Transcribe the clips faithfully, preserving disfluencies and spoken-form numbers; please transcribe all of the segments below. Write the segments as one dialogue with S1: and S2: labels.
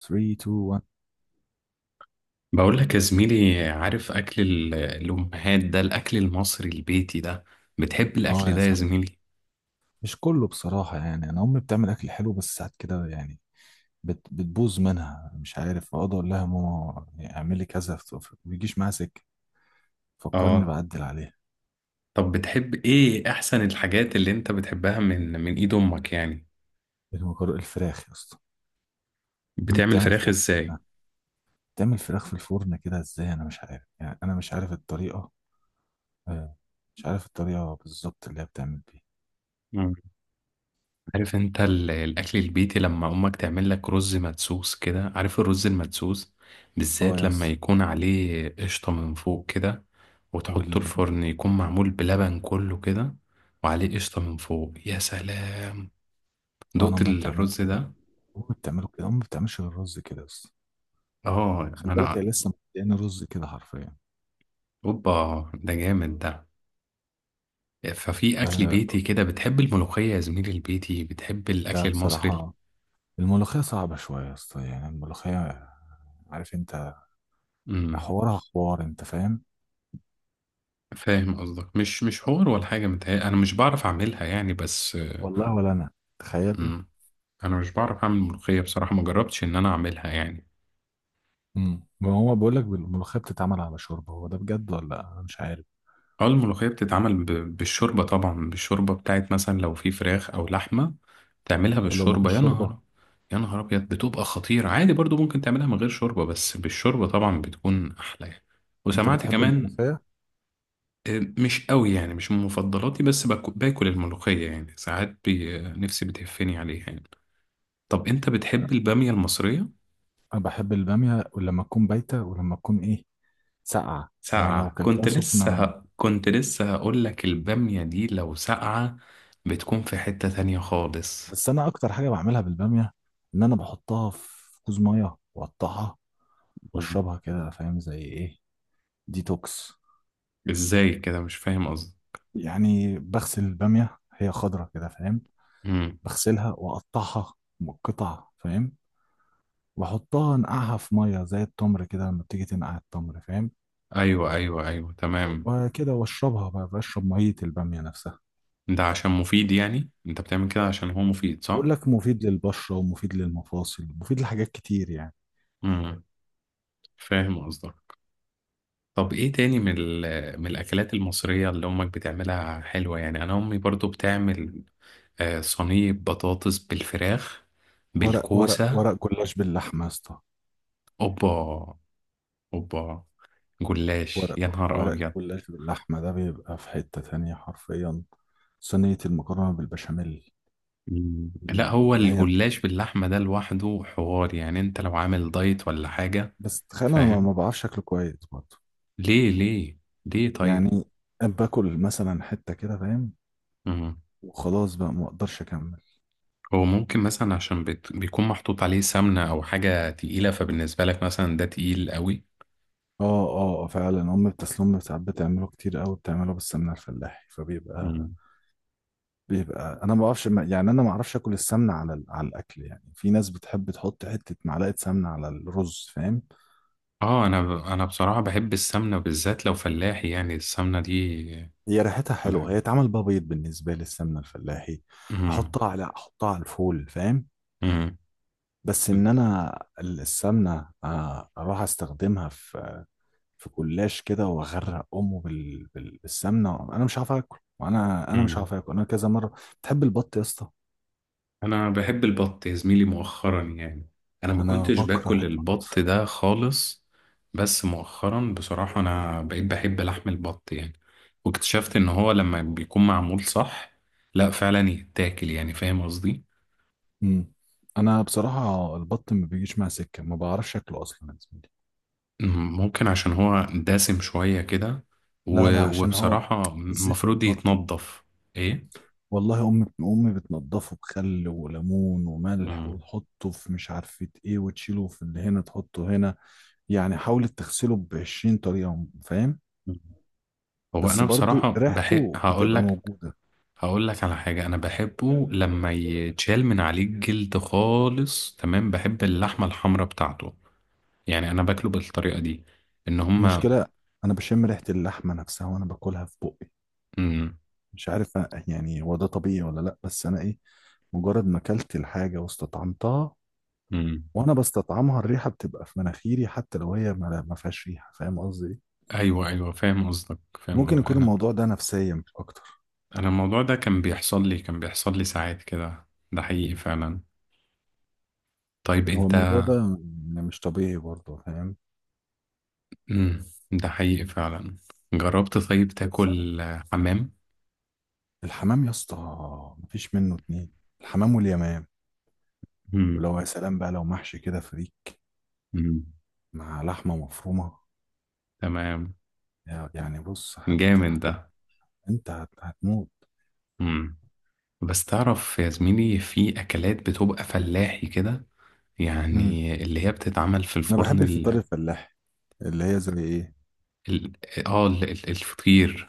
S1: ثلاثة اتنين واحد.
S2: بقول لك يا زميلي، عارف أكل ال- الأمهات ده، الأكل المصري البيتي ده؟ بتحب
S1: اه
S2: الأكل
S1: يا
S2: ده يا
S1: صاحبي.
S2: زميلي؟
S1: مش كله بصراحة، يعني انا امي بتعمل اكل حلو بس ساعات كده، يعني بت... بتبوظ منها. مش عارف اقعد اقول لها ماما، يعني اعملي كذا، ف- ف- ما بيجيش معاها سكة. فكرني
S2: آه.
S1: بعدل عليها.
S2: طب بتحب إيه أحسن الحاجات اللي أنت بتحبها من من إيد أمك يعني؟
S1: المكرونة الفراخ يا اسطى. امي
S2: بتعمل
S1: بتعمل
S2: فراخ
S1: فراخ.
S2: إزاي؟
S1: بتعمل فراخ في الفرن كده، ازاي انا مش عارف يعني انا مش عارف الطريقة. آه، مش عارف الطريقة بالظبط اللي هي بتعمل بيها.
S2: مم. عارف أنت ال- الأكل البيتي، لما أمك تعمل لك رز مدسوس كده، عارف الرز المدسوس؟
S1: اه
S2: بالذات
S1: يا
S2: لما
S1: اسطى.
S2: يكون عليه قشطة من فوق كده، وتحطه
S1: وال
S2: الفرن، يكون معمول بلبن كله كده، وعليه قشطة من فوق. يا سلام،
S1: آه، انا
S2: دقت
S1: امي بتعمله
S2: الرز
S1: كده.
S2: ده.
S1: امي بتعمله كده. امي بتعملش غير رز كده يا اسطى.
S2: اه
S1: خلي بالك هي
S2: انا.
S1: لسه مدياني رز كده حرفيا.
S2: اوبا، ده جامد ده. ففي اكل
S1: أه.
S2: بيتي كده، بتحب الملوخيه يا زميلي؟ البيتي، بتحب
S1: لا
S2: الاكل المصري؟
S1: بصراحة. الملوخية صعبة شوية يا اسطى، يعني الملوخية، عارف انت
S2: امم.
S1: حوارها حوار، انت فاهم.
S2: فاهم قصدك، مش مش حوار ولا حاجه، متهيألي انا مش بعرف اعملها يعني بس.
S1: والله ولا انا. تخيل.
S2: امم. انا مش بعرف اعمل ملوخيه بصراحه، ما جربتش ان انا اعملها يعني.
S1: امم ما هو بيقول لك الملوخية بتتعمل على شوربة، هو ده بجد ولا لا؟ انا مش عارف.
S2: اه، الملوخية بتتعمل ب- بالشوربة طبعا، بالشوربة بتاعت مثلا لو في فراخ أو لحمة تعملها
S1: طب لو ما
S2: بالشوربة،
S1: فيش
S2: يا
S1: شوربة؟
S2: نهار. يا نهار أبيض، بتبقى خطيرة، عادي برضو ممكن تعملها من غير شوربة، بس بالشوربة طبعا بتكون أحلى يعني.
S1: انت
S2: وسمعت
S1: بتحب
S2: كمان.
S1: الملوخية؟
S2: آه، مش قوي يعني، مش من مفضلاتي، بس باك- باكل الملوخية يعني ساعات بي... آه، نفسي بتهفني عليها يعني. طب أنت بتحب البامية المصرية؟
S1: انا بحب البامية، ولما تكون بايتة، ولما تكون ايه، ساقعة. أنا لو
S2: ساقعة.
S1: كلتها
S2: كنت لسه
S1: سخنة.
S2: ه... كنت لسه هقول لك، البامية دي لو ساقعة بتكون في حتة تانية خالص.
S1: بس انا اكتر حاجة بعملها بالبامية، ان انا بحطها في كوز مية واقطعها واشربها كده. فاهم زي ايه؟ ديتوكس.
S2: ازاي كده؟ مش فاهم قصدي.
S1: يعني بغسل البامية، هي خضرة كده، فاهم.
S2: امم.
S1: بغسلها وأقطعها قطع، فاهم، وأحطها أنقعها في مية زي التمر كده، لما بتيجي تنقع التمر، فاهم،
S2: ايوه، ايوه، ايوه، تمام.
S1: وكده وأشربها بقى، بشرب مية البامية نفسها.
S2: ده عشان مفيد يعني، انت بتعمل كده عشان هو مفيد، صح؟
S1: بقول لك، مفيد للبشرة ومفيد للمفاصل، مفيد لحاجات كتير يعني.
S2: امم. فاهم قصدك. طب ايه تاني من ال- من الاكلات المصريه اللي امك بتعملها حلوه؟ يعني انا امي برضو بتعمل آه، صينيه بطاطس بالفراخ،
S1: ورق ورق
S2: بالكوسه.
S1: ورق جلاش باللحمة يا اسطى.
S2: اوبا، اوبا، جلاش، يا
S1: ورق
S2: نهار
S1: ورق
S2: ابيض.
S1: جلاش باللحمة ده بيبقى في حتة تانية حرفيا. صينية المكرونة بالبشاميل،
S2: مم. لا، هو
S1: اللي هي،
S2: الجلاش باللحمه ده لوحده حوار، يعني انت لو عامل دايت ولا حاجه؟
S1: بس تخيل أنا ما
S2: فاهم.
S1: ما بعرفش أكله كويس برضه.
S2: ليه؟ ليه؟ ليه طيب؟
S1: يعني باكل مثلا حتة كده، فاهم،
S2: مم.
S1: وخلاص بقى ما اقدرش اكمل.
S2: هو ممكن مثلا عشان بت... بيكون محطوط عليه سمنة أو حاجة تقيلة، فبالنسبة لك مثلا ده تقيل قوي.
S1: اه، اه، آه، فعلا. ام بتسلم ساعات بتعمله كتير قوي، بتعمله بالسمنه الفلاحي، فبيبقى،
S2: مم.
S1: بيبقى انا ما بعرفش، يعني انا ما اعرفش اكل السمنه على ال- على الاكل. يعني في ناس بتحب تحط حته معلقه سمنه على الرز، فاهم.
S2: اه، أنا ب... أنا بصراحة بحب السمنة، بالذات لو فلاحي، يعني السمنة دي
S1: هي ريحتها حلوه،
S2: بحب.
S1: هي اتعمل بقى بيض بالنسبه لي السمنه الفلاحي.
S2: مم.
S1: احطها على احطها على الفول، فاهم.
S2: مم.
S1: بس ان انا السمنه آه، اروح استخدمها في في جلاش كده، واغرق امه بال... بال... بالسمنه. انا مش عارف اكل، وانا انا مش
S2: مم.
S1: عارف اكل انا كذا مره. بتحب البط يا اسطى؟
S2: انا بحب البط يا زميلي مؤخرا يعني. انا ما
S1: انا
S2: كنتش
S1: بكره
S2: باكل
S1: البط.
S2: البط ده خالص، بس مؤخرا بصراحة انا بقيت بحب لحم البط يعني. واكتشفت ان هو لما بيكون معمول صح، لا فعلا يتاكل، يعني فاهم قصدي.
S1: امم انا بصراحه البط ما بيجيش مع سكه، ما بعرفش اكله اصلا يا زميلي.
S2: م- ممكن عشان هو دسم شوية كده،
S1: لا،
S2: و-
S1: لا، عشان هو
S2: وبصراحة
S1: زفر
S2: المفروض
S1: برضه.
S2: يتنضف. ايه؟
S1: والله امي امي بتنضفه بخل وليمون وملح،
S2: مم.
S1: وتحطه في مش عارفه ايه، وتشيله في اللي هنا، تحطه هنا، يعني حاولت تغسله ب عشرين طريقه، فاهم،
S2: هو
S1: بس
S2: انا
S1: برضه
S2: بصراحة بحب،
S1: ريحته
S2: هقول
S1: بتبقى
S2: لك
S1: موجوده.
S2: هقول لك على حاجة، أنا بحبه لما يتشال من عليه الجلد خالص، تمام، بحب اللحمة الحمراء بتاعته. يعني أنا باكله بالطريقة دي، إن هما.
S1: المشكلة أنا بشم ريحة اللحمة نفسها وأنا باكلها في بقي.
S2: مم.
S1: مش عارف أ- يعني هو ده طبيعي ولا لأ؟ بس أنا، إيه، مجرد ما أكلت الحاجة واستطعمتها،
S2: مم.
S1: وأنا بستطعمها، الريحة بتبقى في مناخيري، حتى لو هي ما ما فيهاش ريحة. فاهم قصدي إيه؟
S2: أيوه، أيوه، فاهم قصدك، فاهم
S1: ممكن
S2: قصدك.
S1: يكون
S2: أنا.
S1: الموضوع ده نفسيا مش أكتر.
S2: أنا الموضوع ده كان بيحصل لي كان بيحصل لي ساعات كده، ده حقيقي فعلا. طيب
S1: هو
S2: أنت.
S1: الموضوع ده يعني مش طبيعي برضه، فاهم.
S2: مم. ده حقيقي فعلا. جربت طيب
S1: بس
S2: تاكل آه، حمام؟
S1: الحمام يا اسطى، مفيش منه اتنين. الحمام واليمام.
S2: مم.
S1: ولو يا سلام بقى لو محشي كده فريك
S2: مم.
S1: مع لحمة مفرومة،
S2: تمام.
S1: يعني بص، هت...
S2: جامد
S1: هت...
S2: ده.
S1: انت هت... هتموت.
S2: مم. بس تعرف يا زميلي، في أكلات بتبقى فلاحي كده،
S1: امم
S2: يعني اللي هي بتتعمل في
S1: انا بحب
S2: الفرن،
S1: الفطار
S2: ال...
S1: الفلاحي، اللي هي زي ايه،
S2: ال... اه ال... ال- الفطير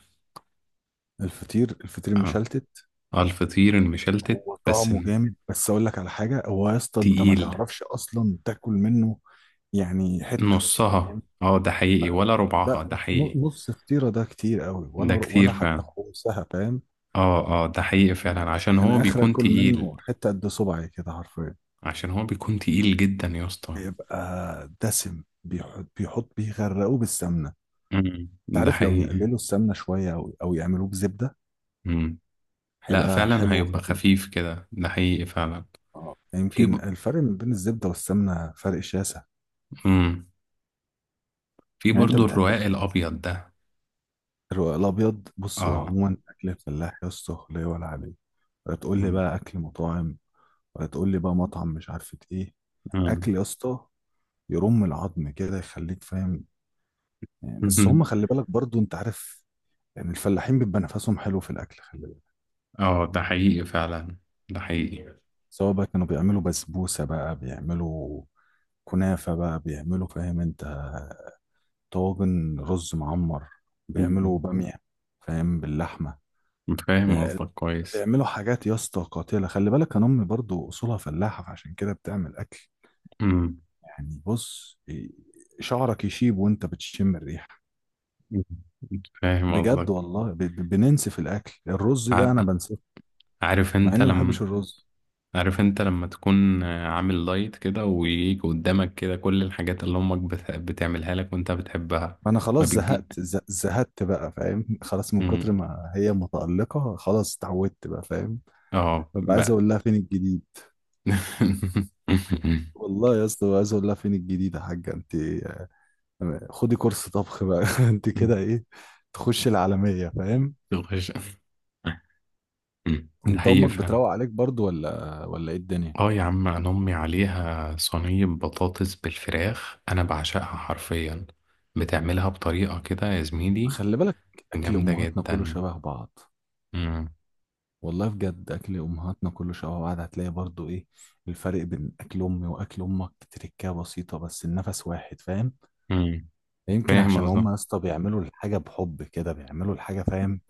S1: الفطير الفطير
S2: اه،
S1: المشلتت.
S2: اه، الفطير المشلتت
S1: هو
S2: بس.
S1: طعمه جامد، بس اقول لك على حاجه، هو يا اسطى انت ما
S2: تقيل.
S1: تعرفش اصلا تاكل منه، يعني حته،
S2: نصها،
S1: فاهم؟
S2: اه، ده حقيقي، ولا ربعها
S1: لا،
S2: ده حقيقي؟
S1: ن- نص فطيره ده كتير قوي، ولا
S2: ده
S1: ولا
S2: كتير
S1: حتى
S2: فعلا.
S1: خمسها، فاهم.
S2: اه، اه، ده حقيقي
S1: يعني
S2: فعلا، عشان هو
S1: انا اخر
S2: بيكون
S1: اكل
S2: تقيل.
S1: منه حته قد صبعي كده حرفيا.
S2: عشان هو بيكون تقيل جدا يا اسطى.
S1: بيبقى دسم، بيحط بيحط بيغرقوه بالسمنه.
S2: أمم،
S1: انت
S2: ده
S1: عارف لو
S2: حقيقي.
S1: يقللوا السمنه شويه، او او يعملوه بزبده،
S2: أمم. لا
S1: هيبقى
S2: فعلا،
S1: حلو
S2: هيبقى
S1: وخفيف.
S2: خفيف كده، ده حقيقي فعلا.
S1: اه،
S2: في
S1: يمكن
S2: ب...
S1: الفرق ما بين الزبدة والسمنة فرق شاسع.
S2: مم. في
S1: يعني انت
S2: برضو
S1: بتحب
S2: الرواق
S1: الفترس،
S2: الأبيض ده.
S1: الرق الابيض؟ بص، هو
S2: اه.
S1: عموما اكل الفلاح يا اسطى لا يعلى عليه. ولا تقول لي
S2: مم.
S1: بقى اكل مطاعم، ولا تقول لي بقى مطعم مش عارفة ايه.
S2: مم.
S1: اكل يا اسطى يرم العظم كده، يخليك فاهم. يعني بس هم، خلي بالك برضو، انت عارف، يعني الفلاحين بيبقى نفسهم حلو في الاكل، خلي بالك.
S2: اه، ده حقيقي فعلا، ده حقيقي.
S1: سواء بقى كانوا بيعملوا بسبوسة، بقى بيعملوا كنافة، بقى بيعملوا، فاهم انت، طاجن رز معمر،
S2: مم.
S1: بيعملوا بامية، فاهم، باللحمة.
S2: فاهم
S1: بي-
S2: قصدك كويس.
S1: بيعملوا حاجات يا اسطى قاتلة، خلي بالك. انا امي برضو اصولها فلاحة، فعشان كده بتعمل اكل،
S2: مم.
S1: يعني بص، إيه، شعرك يشيب وانت بتشم الريحة.
S2: مم. فاهم
S1: بجد
S2: قصدك.
S1: والله، ب- ب- بننسى في الاكل. الرز ده انا
S2: ع-
S1: بنساه،
S2: عارف
S1: مع
S2: انت
S1: اني ما
S2: لما
S1: بحبش الرز.
S2: عارف انت لما تكون عامل دايت كده، ويجي قدامك كده كل الحاجات اللي امك بت... بتعملها لك وانت بتحبها.
S1: فانا
S2: ما
S1: خلاص
S2: بتجي.
S1: زهقت، ز- زهقت بقى، فاهم. خلاص من كتر
S2: مم.
S1: ما هي متألقة، خلاص اتعودت بقى، فاهم.
S2: اه
S1: ببقى عايز
S2: بقى.
S1: اقول لها فين الجديد. والله يا اسطى ببقى عايز اقول لها فين الجديد، يا حاجة انت خدي كورس طبخ بقى. انت كده ايه، تخش العالمية، فاهم.
S2: تخش. ده
S1: انت
S2: حقيقي
S1: امك
S2: فعلا.
S1: بتروق عليك برضو ولا ولا ايه الدنيا؟
S2: اه يا عم، انا امي عليها صينية بطاطس بالفراخ، انا بعشقها حرفيا. بتعملها بطريقة كده يا زميلي.
S1: خلي بالك، اكل
S2: جامدة
S1: امهاتنا كله
S2: جدا.
S1: شبه بعض.
S2: مم.
S1: والله بجد اكل امهاتنا كله شبه بعض. هتلاقي برضو ايه، الفرق بين اكل امي واكل امك تركية بسيطة، بس النفس واحد، فاهم.
S2: مم.
S1: يمكن
S2: فاهم
S1: عشان
S2: قصدك.
S1: هم يا اسطى بيعملوا الحاجة بحب كده، بيعملوا الحاجة، فاهم.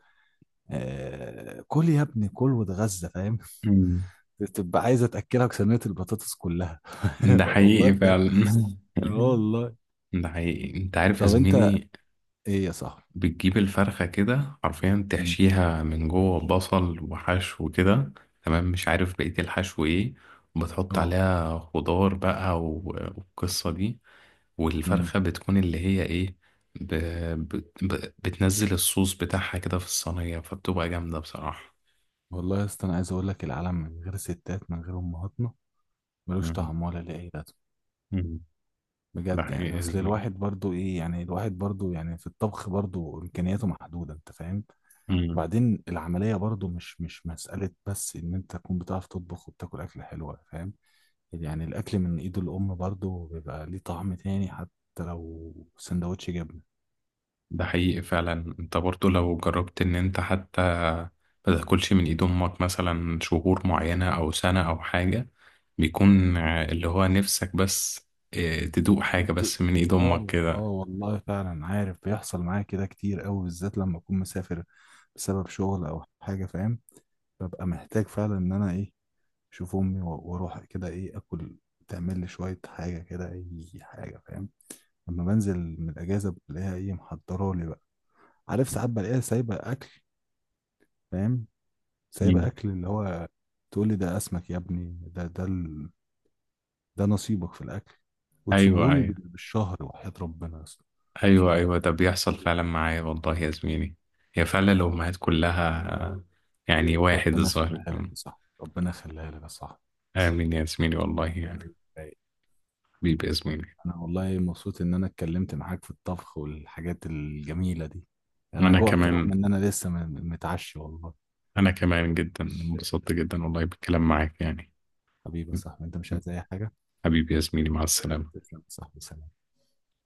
S1: آه، كل يا ابني كل واتغذى، فاهم.
S2: مم.
S1: تبقى عايزة تاكلك صينية البطاطس كلها.
S2: ده
S1: والله
S2: حقيقي
S1: بجد.
S2: فعلا.
S1: اه والله.
S2: ده حقيقي، انت عارف يا
S1: طب انت
S2: زميلي.
S1: ايه يا صاحبي؟
S2: بتجيب الفرخة كده حرفيا،
S1: امم،
S2: تحشيها من جوه بصل وحشو كده، تمام، مش عارف بقية الحشو ايه، وبتحط
S1: اه،
S2: عليها خضار بقى و- والقصة دي.
S1: امم.
S2: والفرخة بتكون اللي هي ايه، ب... ب... ب... بتنزل الصوص بتاعها كده في الصينية، فبتبقى جامدة بصراحة.
S1: والله يا اسطى انا عايز اقول لك، العالم من غير ستات، من غير امهاتنا، ملوش
S2: مم.
S1: طعم ولا ليه اي لازمه.
S2: مم. ده
S1: بجد.
S2: حقيقي
S1: يعني
S2: يا
S1: اصل
S2: زميلي.
S1: الواحد برضو ايه، يعني الواحد برضو يعني في الطبخ برضو امكانياته محدوده، انت فاهم.
S2: مم.
S1: وبعدين العمليه برضو مش مش مساله بس ان انت تكون بتعرف تطبخ، وبتاكل اكل حلوه، فاهم. يعني الاكل من ايد الام برضو بيبقى ليه طعم تاني، حتى لو سندوتش جبنه.
S2: ده حقيقي فعلا، انت برضو لو جربت ان انت حتى ما تاكلش من ايد امك مثلا شهور معينة او سنة او حاجة، بيكون ع- اللي هو نفسك بس اه، تدوق حاجة
S1: انت،
S2: بس من ايد امك
S1: اه، اه،
S2: كده.
S1: والله فعلا. عارف بيحصل معايا كده كتير قوي، بالذات لما اكون مسافر بسبب شغل او حاجه، فاهم. ببقى محتاج فعلا ان انا، ايه، اشوف امي، و- واروح كده، ايه، اكل. تعمل لي شويه حاجه كده، اي حاجه، فاهم. لما بنزل من الاجازه، بلاقيها ايه، محضره لي بقى. عارف ساعات بلاقيها سايبه اكل، فاهم، سايبه
S2: مم.
S1: اكل اللي هو، تقول لي ده اسمك يا ابني، ده ده ال... ده نصيبك في الاكل،
S2: ايوه،
S1: وتسيبهولي
S2: ايوه،
S1: بال- بالشهر. وحياة ربنا يا اسطى،
S2: ايوه، ايوه، ده بيحصل فعلا معايا والله يا زميلي. هي فعلا الامهات كلها آه، يعني واحد
S1: ربنا
S2: الظاهر.
S1: يخليها لك يا صاحبي، ربنا يخليها لك يا صاحبي.
S2: امين يا زميلي، والله يعني.
S1: أي.
S2: حبيبي يا زميلي.
S1: انا والله مبسوط ان انا اتكلمت معاك في الطبخ والحاجات الجميلة دي. انا
S2: انا
S1: جوعت رغم
S2: كمان.
S1: ان انا لسه م- متعشي، والله.
S2: انا كمان جدا انبسطت جدا والله بالكلام معاك يعني.
S1: حبيبي يا صاحبي، انت مش عايز اي حاجة؟
S2: حبيبي يا زميلي، مع السلامة.
S1: تسلم يا صاحبي، سلام.